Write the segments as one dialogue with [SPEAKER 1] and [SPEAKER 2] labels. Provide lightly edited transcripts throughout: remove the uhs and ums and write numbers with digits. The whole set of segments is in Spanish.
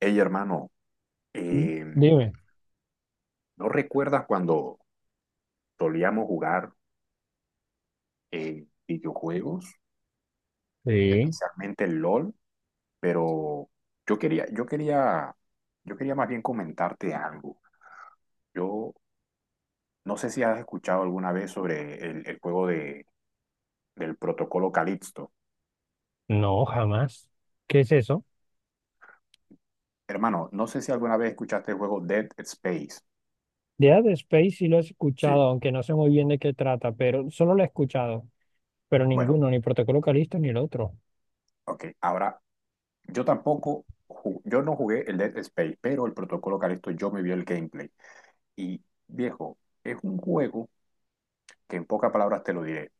[SPEAKER 1] Hey, hermano,
[SPEAKER 2] Mm.
[SPEAKER 1] em,
[SPEAKER 2] Dime.
[SPEAKER 1] ¿no recuerdas cuando solíamos jugar videojuegos,
[SPEAKER 2] Sí,
[SPEAKER 1] especialmente el LOL? Pero yo quería, yo quería, yo quería más bien comentarte algo. Yo no sé si has escuchado alguna vez sobre el juego del protocolo Calixto.
[SPEAKER 2] no, jamás. ¿Qué es eso?
[SPEAKER 1] Hermano, no sé si alguna vez escuchaste el juego Dead Space.
[SPEAKER 2] Dead Space sí lo he
[SPEAKER 1] Sí.
[SPEAKER 2] escuchado, aunque no sé muy bien de qué trata, pero solo lo he escuchado, pero
[SPEAKER 1] Bueno,
[SPEAKER 2] ninguno, ni Protocolo Calisto ni el otro.
[SPEAKER 1] ok. Ahora, yo tampoco, yo no jugué el Dead Space, pero el protocolo Calixto, yo me vi el gameplay. Y viejo, es un juego que en pocas palabras te lo diré.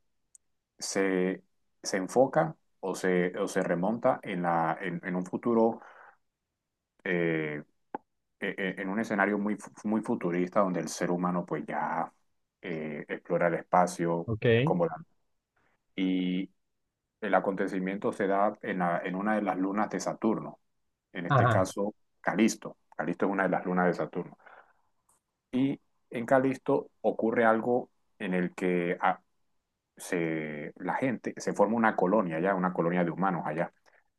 [SPEAKER 1] Se, se enfoca o se remonta en un futuro, eh, en un escenario muy futurista donde el ser humano pues ya explora el espacio, es
[SPEAKER 2] Ok.
[SPEAKER 1] como Y el acontecimiento se da en una de las lunas de Saturno, en este
[SPEAKER 2] Ajá,
[SPEAKER 1] caso Calisto. Calisto es una de las lunas de Saturno. Y en Calisto ocurre algo en el que la gente, se forma una colonia allá, una colonia de humanos allá.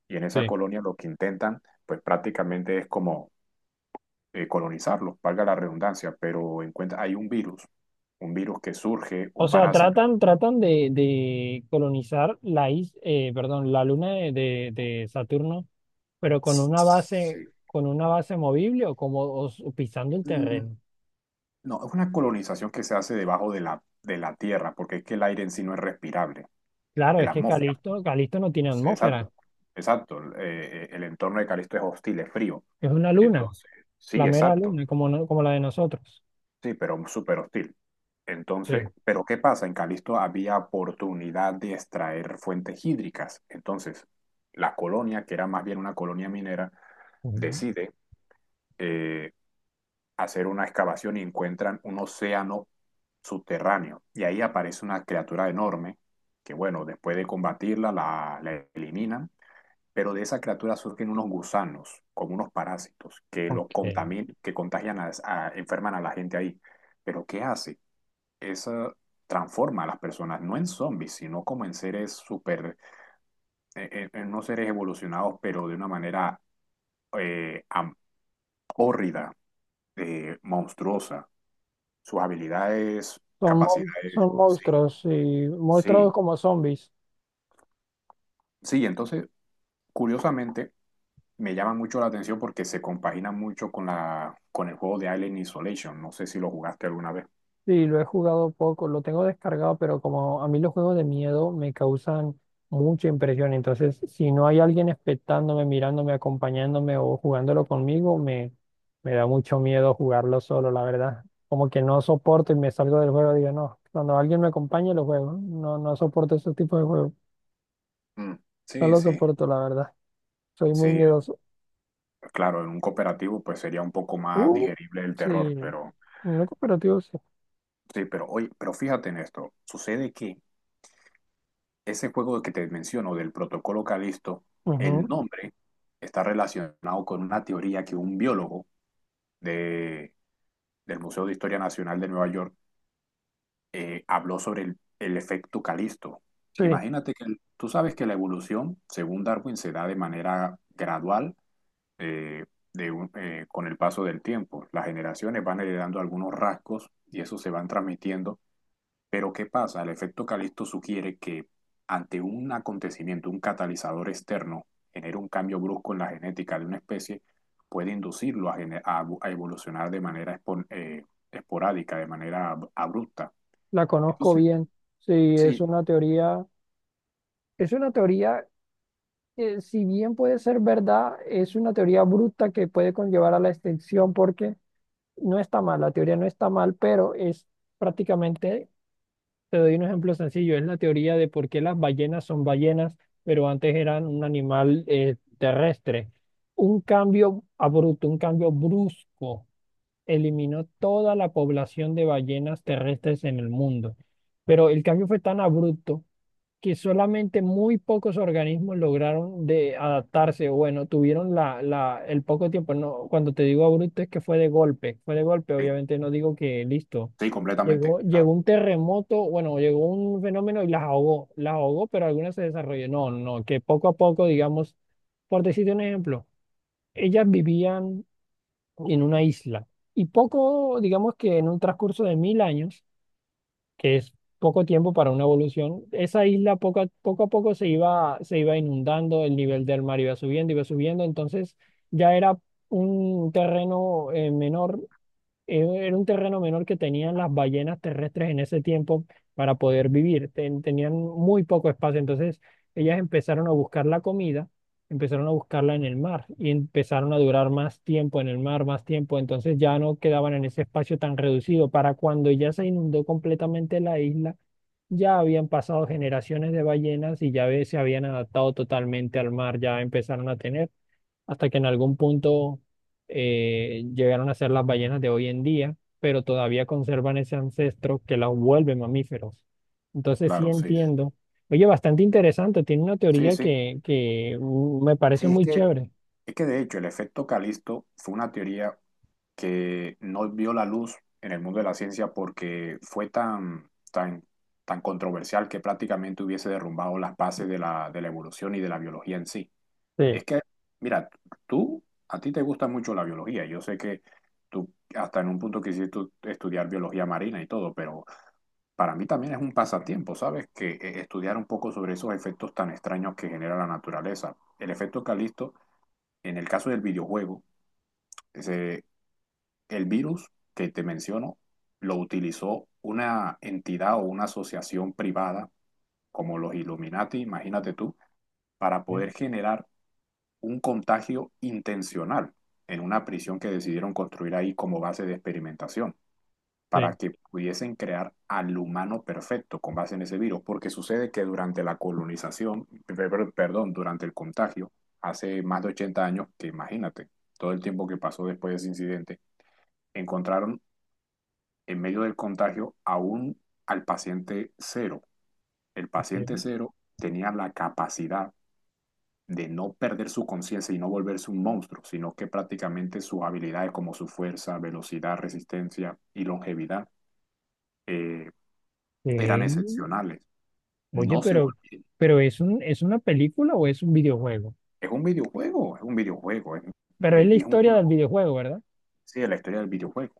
[SPEAKER 1] Y en esa
[SPEAKER 2] sí.
[SPEAKER 1] colonia lo que intentan, pues prácticamente es como colonizarlos, valga la redundancia, pero encuentra hay un virus que surge,
[SPEAKER 2] O
[SPEAKER 1] un
[SPEAKER 2] sea,
[SPEAKER 1] parásito.
[SPEAKER 2] tratan de colonizar perdón, la luna de Saturno, pero
[SPEAKER 1] Sí.
[SPEAKER 2] con una base movible o como pisando el
[SPEAKER 1] Mm,
[SPEAKER 2] terreno.
[SPEAKER 1] No, es una colonización que se hace debajo de la tierra, porque es que el aire en sí no es respirable,
[SPEAKER 2] Claro,
[SPEAKER 1] el
[SPEAKER 2] es que
[SPEAKER 1] atmósfera.
[SPEAKER 2] Calisto no tiene atmósfera,
[SPEAKER 1] Exacto, exacto. El entorno de Calisto es hostil, es frío.
[SPEAKER 2] es una luna.
[SPEAKER 1] Entonces, sí,
[SPEAKER 2] La mera
[SPEAKER 1] exacto.
[SPEAKER 2] luna, como, no- como la de nosotros.
[SPEAKER 1] Sí, pero súper hostil. Entonces,
[SPEAKER 2] Sí.
[SPEAKER 1] pero ¿qué pasa? En Calisto había oportunidad de extraer fuentes hídricas. Entonces, la colonia, que era más bien una colonia minera,
[SPEAKER 2] Ujú.
[SPEAKER 1] decide eh, hacer una excavación y encuentran un océano subterráneo. Y ahí aparece una criatura enorme que, bueno, después de combatirla, la eliminan. Pero de esa criatura surgen unos gusanos, como unos parásitos,
[SPEAKER 2] Ok.
[SPEAKER 1] que contagian a, enferman a la gente ahí. Pero ¿qué hace? Esa transforma a las personas, no en zombies, sino como en seres super, en unos seres evolucionados, pero de una manera eh, am- hórrida, monstruosa. Sus habilidades, capacidades,
[SPEAKER 2] Son
[SPEAKER 1] sí,
[SPEAKER 2] monstruos, y monstruos
[SPEAKER 1] sí,
[SPEAKER 2] como zombies.
[SPEAKER 1] sí. Entonces, curiosamente, me llama mucho la atención porque se compagina mucho con con el juego de Alien Isolation. No sé si lo jugaste alguna vez.
[SPEAKER 2] Sí, lo he jugado poco, lo tengo descargado, pero como a mí los juegos de miedo me causan mucha impresión, entonces si no hay alguien expectándome, mirándome, acompañándome o jugándolo conmigo, me da mucho miedo jugarlo solo, la verdad. Como que no soporto y me salgo del juego, digo, no, cuando alguien me acompañe lo juego, no, no soporto ese tipo de juegos,
[SPEAKER 1] Mm.
[SPEAKER 2] no
[SPEAKER 1] Sí,
[SPEAKER 2] lo
[SPEAKER 1] sí,
[SPEAKER 2] soporto, la verdad. Soy muy
[SPEAKER 1] sí.
[SPEAKER 2] miedoso.
[SPEAKER 1] Claro, en un cooperativo, pues sería un poco más
[SPEAKER 2] Uh,
[SPEAKER 1] digerible el
[SPEAKER 2] sí,
[SPEAKER 1] terror, pero
[SPEAKER 2] una cooperativa, sí.
[SPEAKER 1] Sí, pero oye, pero fíjate en esto. Sucede que ese juego que te menciono del protocolo Calisto,
[SPEAKER 2] Ujú.
[SPEAKER 1] el nombre está relacionado con una teoría que un biólogo de, del Museo de Historia Nacional de Nueva York habló sobre el efecto Calisto.
[SPEAKER 2] Sí,
[SPEAKER 1] Imagínate que tú sabes que la evolución, según Darwin, se da de manera gradual eh, con el paso del tiempo. Las generaciones van heredando algunos rasgos y eso se van transmitiendo. Pero ¿qué pasa? El efecto Calisto sugiere que ante un acontecimiento, un catalizador externo, genera un cambio brusco en la genética de una especie, puede inducirlo a, gener- a- bu- a evolucionar de manera esporádica, de manera abrupta.
[SPEAKER 2] la conozco
[SPEAKER 1] Entonces,
[SPEAKER 2] bien. Sí,
[SPEAKER 1] sí,
[SPEAKER 2] es una teoría que si bien puede ser verdad, es una teoría bruta que puede conllevar a la extinción porque no está mal, la teoría no está mal, pero es prácticamente, te doy un ejemplo sencillo, es la teoría de por qué las ballenas son ballenas, pero antes eran un animal terrestre. Un cambio abrupto, un cambio brusco eliminó toda la población de ballenas terrestres en el mundo. Pero el cambio fue tan abrupto que solamente muy pocos organismos lograron de adaptarse, o bueno, tuvieron el poco tiempo. No, cuando te digo abrupto es que fue de golpe,
[SPEAKER 1] sí,
[SPEAKER 2] obviamente no digo que listo.
[SPEAKER 1] sí, completamente.
[SPEAKER 2] Llegó
[SPEAKER 1] Claro,
[SPEAKER 2] un terremoto, bueno, llegó un fenómeno y las ahogó, pero algunas se desarrolló. No, no, no, que poco a poco, digamos, por decirte un ejemplo, ellas vivían en una isla. Y poco, digamos que en un transcurso de 1000 años, que es poco tiempo para una evolución, esa isla poco a poco, a poco se iba inundando, el nivel del mar iba subiendo, entonces ya era un terreno menor era un terreno menor que tenían las ballenas terrestres en ese tiempo para poder vivir. Tenían muy poco espacio. Entonces, ellas empezaron a buscar la comida, empezaron a buscarla en el mar y empezaron a durar más tiempo en el mar, más tiempo. Entonces, ya no quedaban en ese espacio tan reducido. Para cuando ya se inundó completamente la isla, ya habían pasado generaciones de ballenas y se habían adaptado totalmente al mar, ya empezaron a tener hasta que en algún punto llegaron a ser las ballenas de hoy en día, pero todavía conservan ese ancestro que las vuelve mamíferos. Entonces sí
[SPEAKER 1] claro, sí.
[SPEAKER 2] entiendo. Oye, bastante interesante, tiene una
[SPEAKER 1] Sí,
[SPEAKER 2] teoría
[SPEAKER 1] sí.
[SPEAKER 2] que, me parece
[SPEAKER 1] sí, es
[SPEAKER 2] muy
[SPEAKER 1] que
[SPEAKER 2] chévere.
[SPEAKER 1] Es que de hecho el efecto Calisto fue una teoría que no vio la luz en el mundo de la ciencia porque fue tan, tan, tan controversial que prácticamente hubiese derrumbado las bases de de la evolución y de la biología en sí.
[SPEAKER 2] Sí,
[SPEAKER 1] Es que, mira, a ti te gusta mucho la biología. Yo sé que tú hasta en un punto quisiste estudiar biología marina y todo, pero para mí también es un pasatiempo, ¿sabes? Que estudiar un poco sobre esos efectos tan extraños que genera la naturaleza. El efecto Calisto en el caso del videojuego, ese- el virus que te menciono lo utilizó una entidad o una asociación privada como los Illuminati, imagínate tú, para
[SPEAKER 2] sí,
[SPEAKER 1] poder generar un contagio intencional en una prisión que decidieron construir ahí como base de experimentación
[SPEAKER 2] sí.
[SPEAKER 1] para que pudiesen crear al humano perfecto con base en ese virus, porque sucede que durante la colonización, perdón, durante el contagio, hace más de 80 años, que imagínate, todo el tiempo que pasó después de ese incidente, encontraron en medio del contagio aún al paciente cero. El paciente
[SPEAKER 2] Sí.
[SPEAKER 1] cero tenía la capacidad de no perder su conciencia y no volverse un monstruo, sino que prácticamente sus habilidades como su fuerza, velocidad, resistencia y longevidad eh, eran
[SPEAKER 2] Eh,
[SPEAKER 1] excepcionales.
[SPEAKER 2] oye,
[SPEAKER 1] No se volvieron.
[SPEAKER 2] pero ¿es un, es una película o es un videojuego?
[SPEAKER 1] Es un videojuego.
[SPEAKER 2] Pero es la
[SPEAKER 1] Y es un
[SPEAKER 2] historia del
[SPEAKER 1] juego,
[SPEAKER 2] videojuego, ¿verdad?
[SPEAKER 1] sí, de la historia del videojuego.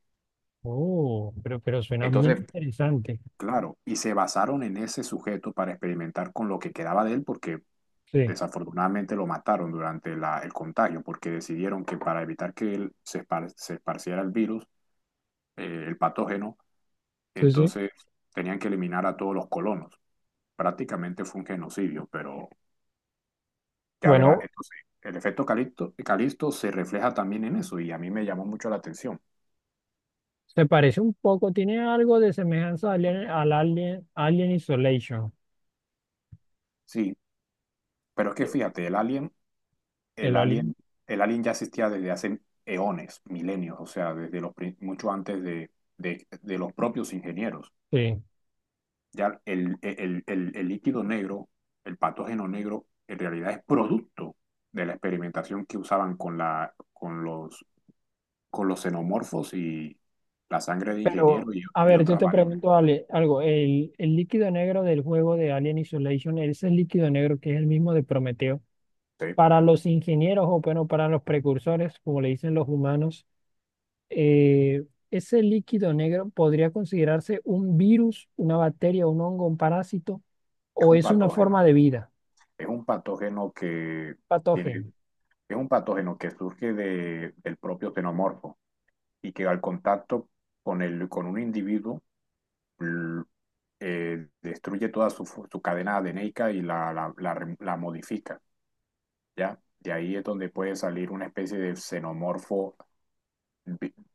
[SPEAKER 2] Oh, pero suena bien
[SPEAKER 1] Entonces,
[SPEAKER 2] interesante.
[SPEAKER 1] claro, y se basaron en ese sujeto para experimentar con lo que quedaba de él, porque
[SPEAKER 2] Sí,
[SPEAKER 1] desafortunadamente lo mataron durante el contagio, porque decidieron que para evitar que él se esparciera el virus, el patógeno,
[SPEAKER 2] sí, sí.
[SPEAKER 1] entonces tenían que eliminar a todos los colonos. Prácticamente fue un genocidio, pero ya verá,
[SPEAKER 2] Bueno,
[SPEAKER 1] entonces el efecto Calixto. Calixto se refleja también en eso y a mí me llamó mucho la atención.
[SPEAKER 2] se parece un poco, tiene algo de semejanza al Alien, Alien Isolation.
[SPEAKER 1] Sí, pero es que
[SPEAKER 2] ¿Sí?
[SPEAKER 1] fíjate, el
[SPEAKER 2] El Alien,
[SPEAKER 1] alien, el alien ya existía desde hace eones, milenios, o sea, mucho antes de, de los propios ingenieros.
[SPEAKER 2] sí.
[SPEAKER 1] Ya el líquido negro, el patógeno negro, en realidad es producto de la experimentación que usaban con con los xenomorfos y la sangre de
[SPEAKER 2] Pero,
[SPEAKER 1] ingeniero y,
[SPEAKER 2] a
[SPEAKER 1] y
[SPEAKER 2] ver, yo
[SPEAKER 1] otras
[SPEAKER 2] te
[SPEAKER 1] variables.
[SPEAKER 2] pregunto, Ale, algo. El líquido negro del juego de Alien Isolation, ese líquido negro que es el mismo de Prometeo,
[SPEAKER 1] Sí,
[SPEAKER 2] para los ingenieros o bueno, para los precursores, como le dicen los humanos, eh, ese líquido negro podría considerarse un virus, una bacteria, un hongo, un parásito,
[SPEAKER 1] es
[SPEAKER 2] o
[SPEAKER 1] un
[SPEAKER 2] es una
[SPEAKER 1] patógeno.
[SPEAKER 2] forma de vida,
[SPEAKER 1] Es un patógeno que tiene,
[SPEAKER 2] patógeno.
[SPEAKER 1] es un patógeno que surge del propio xenomorfo. Y que al contacto con un individuo destruye toda su cadena adeneica y la modifica, ¿ya? De ahí es donde puede salir una especie de xenomorfo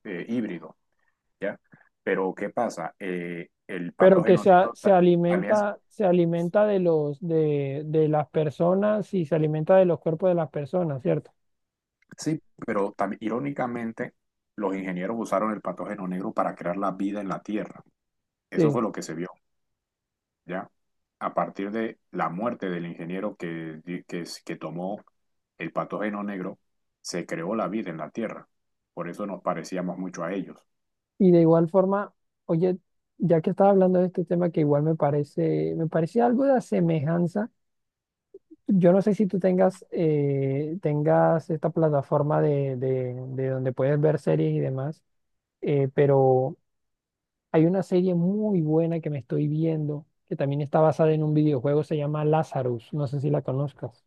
[SPEAKER 1] híbrido, ¿ya? Pero ¿qué pasa? El
[SPEAKER 2] Pero que
[SPEAKER 1] patógeno negro también,
[SPEAKER 2] se alimenta de de las personas y se alimenta de los cuerpos de las personas, ¿cierto?
[SPEAKER 1] sí, pero también irónicamente los ingenieros usaron el patógeno negro para crear la vida en la Tierra. Eso
[SPEAKER 2] Sí.
[SPEAKER 1] fue lo que se vio. ¿Ya? A partir de la muerte del ingeniero que tomó el patógeno negro, se creó la vida en la Tierra. Por eso nos parecíamos mucho a ellos.
[SPEAKER 2] Y de igual forma, oye, ya que estaba hablando de este tema que igual me parece algo de semejanza. Yo no sé si tú tengas, tengas esta plataforma de donde puedes ver series y demás, pero hay una serie muy buena que me estoy viendo, que también está basada en un videojuego, se llama Lazarus. No sé si la conozcas.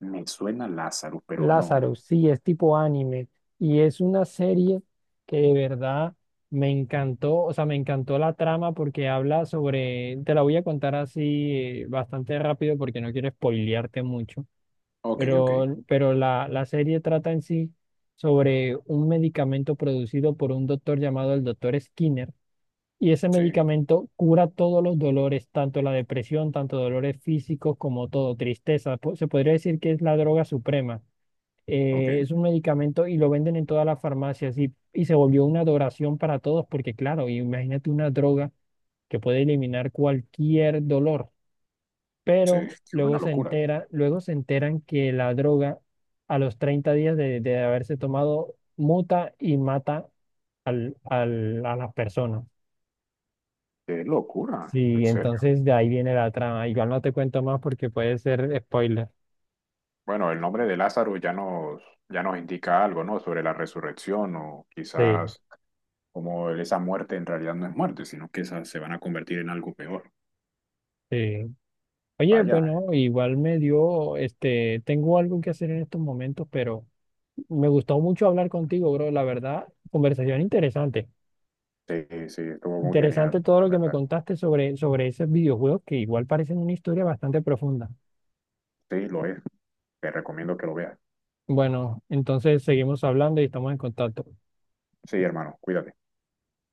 [SPEAKER 1] Me suena Lázaro, pero no.
[SPEAKER 2] Lázaro, sí, es tipo anime y es una serie que de verdad me encantó, o sea, me encantó la trama porque habla sobre, te la voy a contar así bastante rápido porque no quiero spoilearte mucho,
[SPEAKER 1] Ok, ok,
[SPEAKER 2] pero la serie trata en sí sobre un medicamento producido por un doctor llamado el doctor Skinner y ese
[SPEAKER 1] sí,
[SPEAKER 2] medicamento cura todos los dolores, tanto la depresión, tanto dolores físicos como todo, tristeza, se podría decir que es la droga suprema.
[SPEAKER 1] ok,
[SPEAKER 2] Es un medicamento y lo venden en todas las farmacias y se volvió una adoración para todos porque claro, imagínate una droga que puede eliminar cualquier dolor,
[SPEAKER 1] sí.
[SPEAKER 2] pero
[SPEAKER 1] Qué
[SPEAKER 2] luego
[SPEAKER 1] buena
[SPEAKER 2] se
[SPEAKER 1] locura.
[SPEAKER 2] entera, luego se enteran que la droga a los 30 días de haberse tomado muta y mata a las personas.
[SPEAKER 1] Qué locura, en
[SPEAKER 2] Sí,
[SPEAKER 1] serio.
[SPEAKER 2] entonces de ahí viene la trama. Igual no te cuento más porque puede ser spoiler.
[SPEAKER 1] Bueno, el nombre de Lázaro ya nos indica algo, ¿no? Sobre la resurrección o
[SPEAKER 2] Sí,
[SPEAKER 1] quizás como esa muerte en realidad no es muerte, sino que se van a convertir en algo peor.
[SPEAKER 2] sí. Oye,
[SPEAKER 1] Vaya,
[SPEAKER 2] bueno, igual me dio, este, tengo algo que hacer en estos momentos, pero me gustó mucho hablar contigo, bro. La verdad, conversación interesante.
[SPEAKER 1] sí, sí, estuvo muy
[SPEAKER 2] Interesante
[SPEAKER 1] genial,
[SPEAKER 2] todo
[SPEAKER 1] la
[SPEAKER 2] lo que me
[SPEAKER 1] verdad.
[SPEAKER 2] contaste sobre, sobre esos videojuegos que igual parecen una historia bastante profunda.
[SPEAKER 1] Sí, lo es. Te recomiendo que lo veas.
[SPEAKER 2] Bueno, entonces seguimos hablando y estamos en contacto.
[SPEAKER 1] Sí, hermano, cuídate.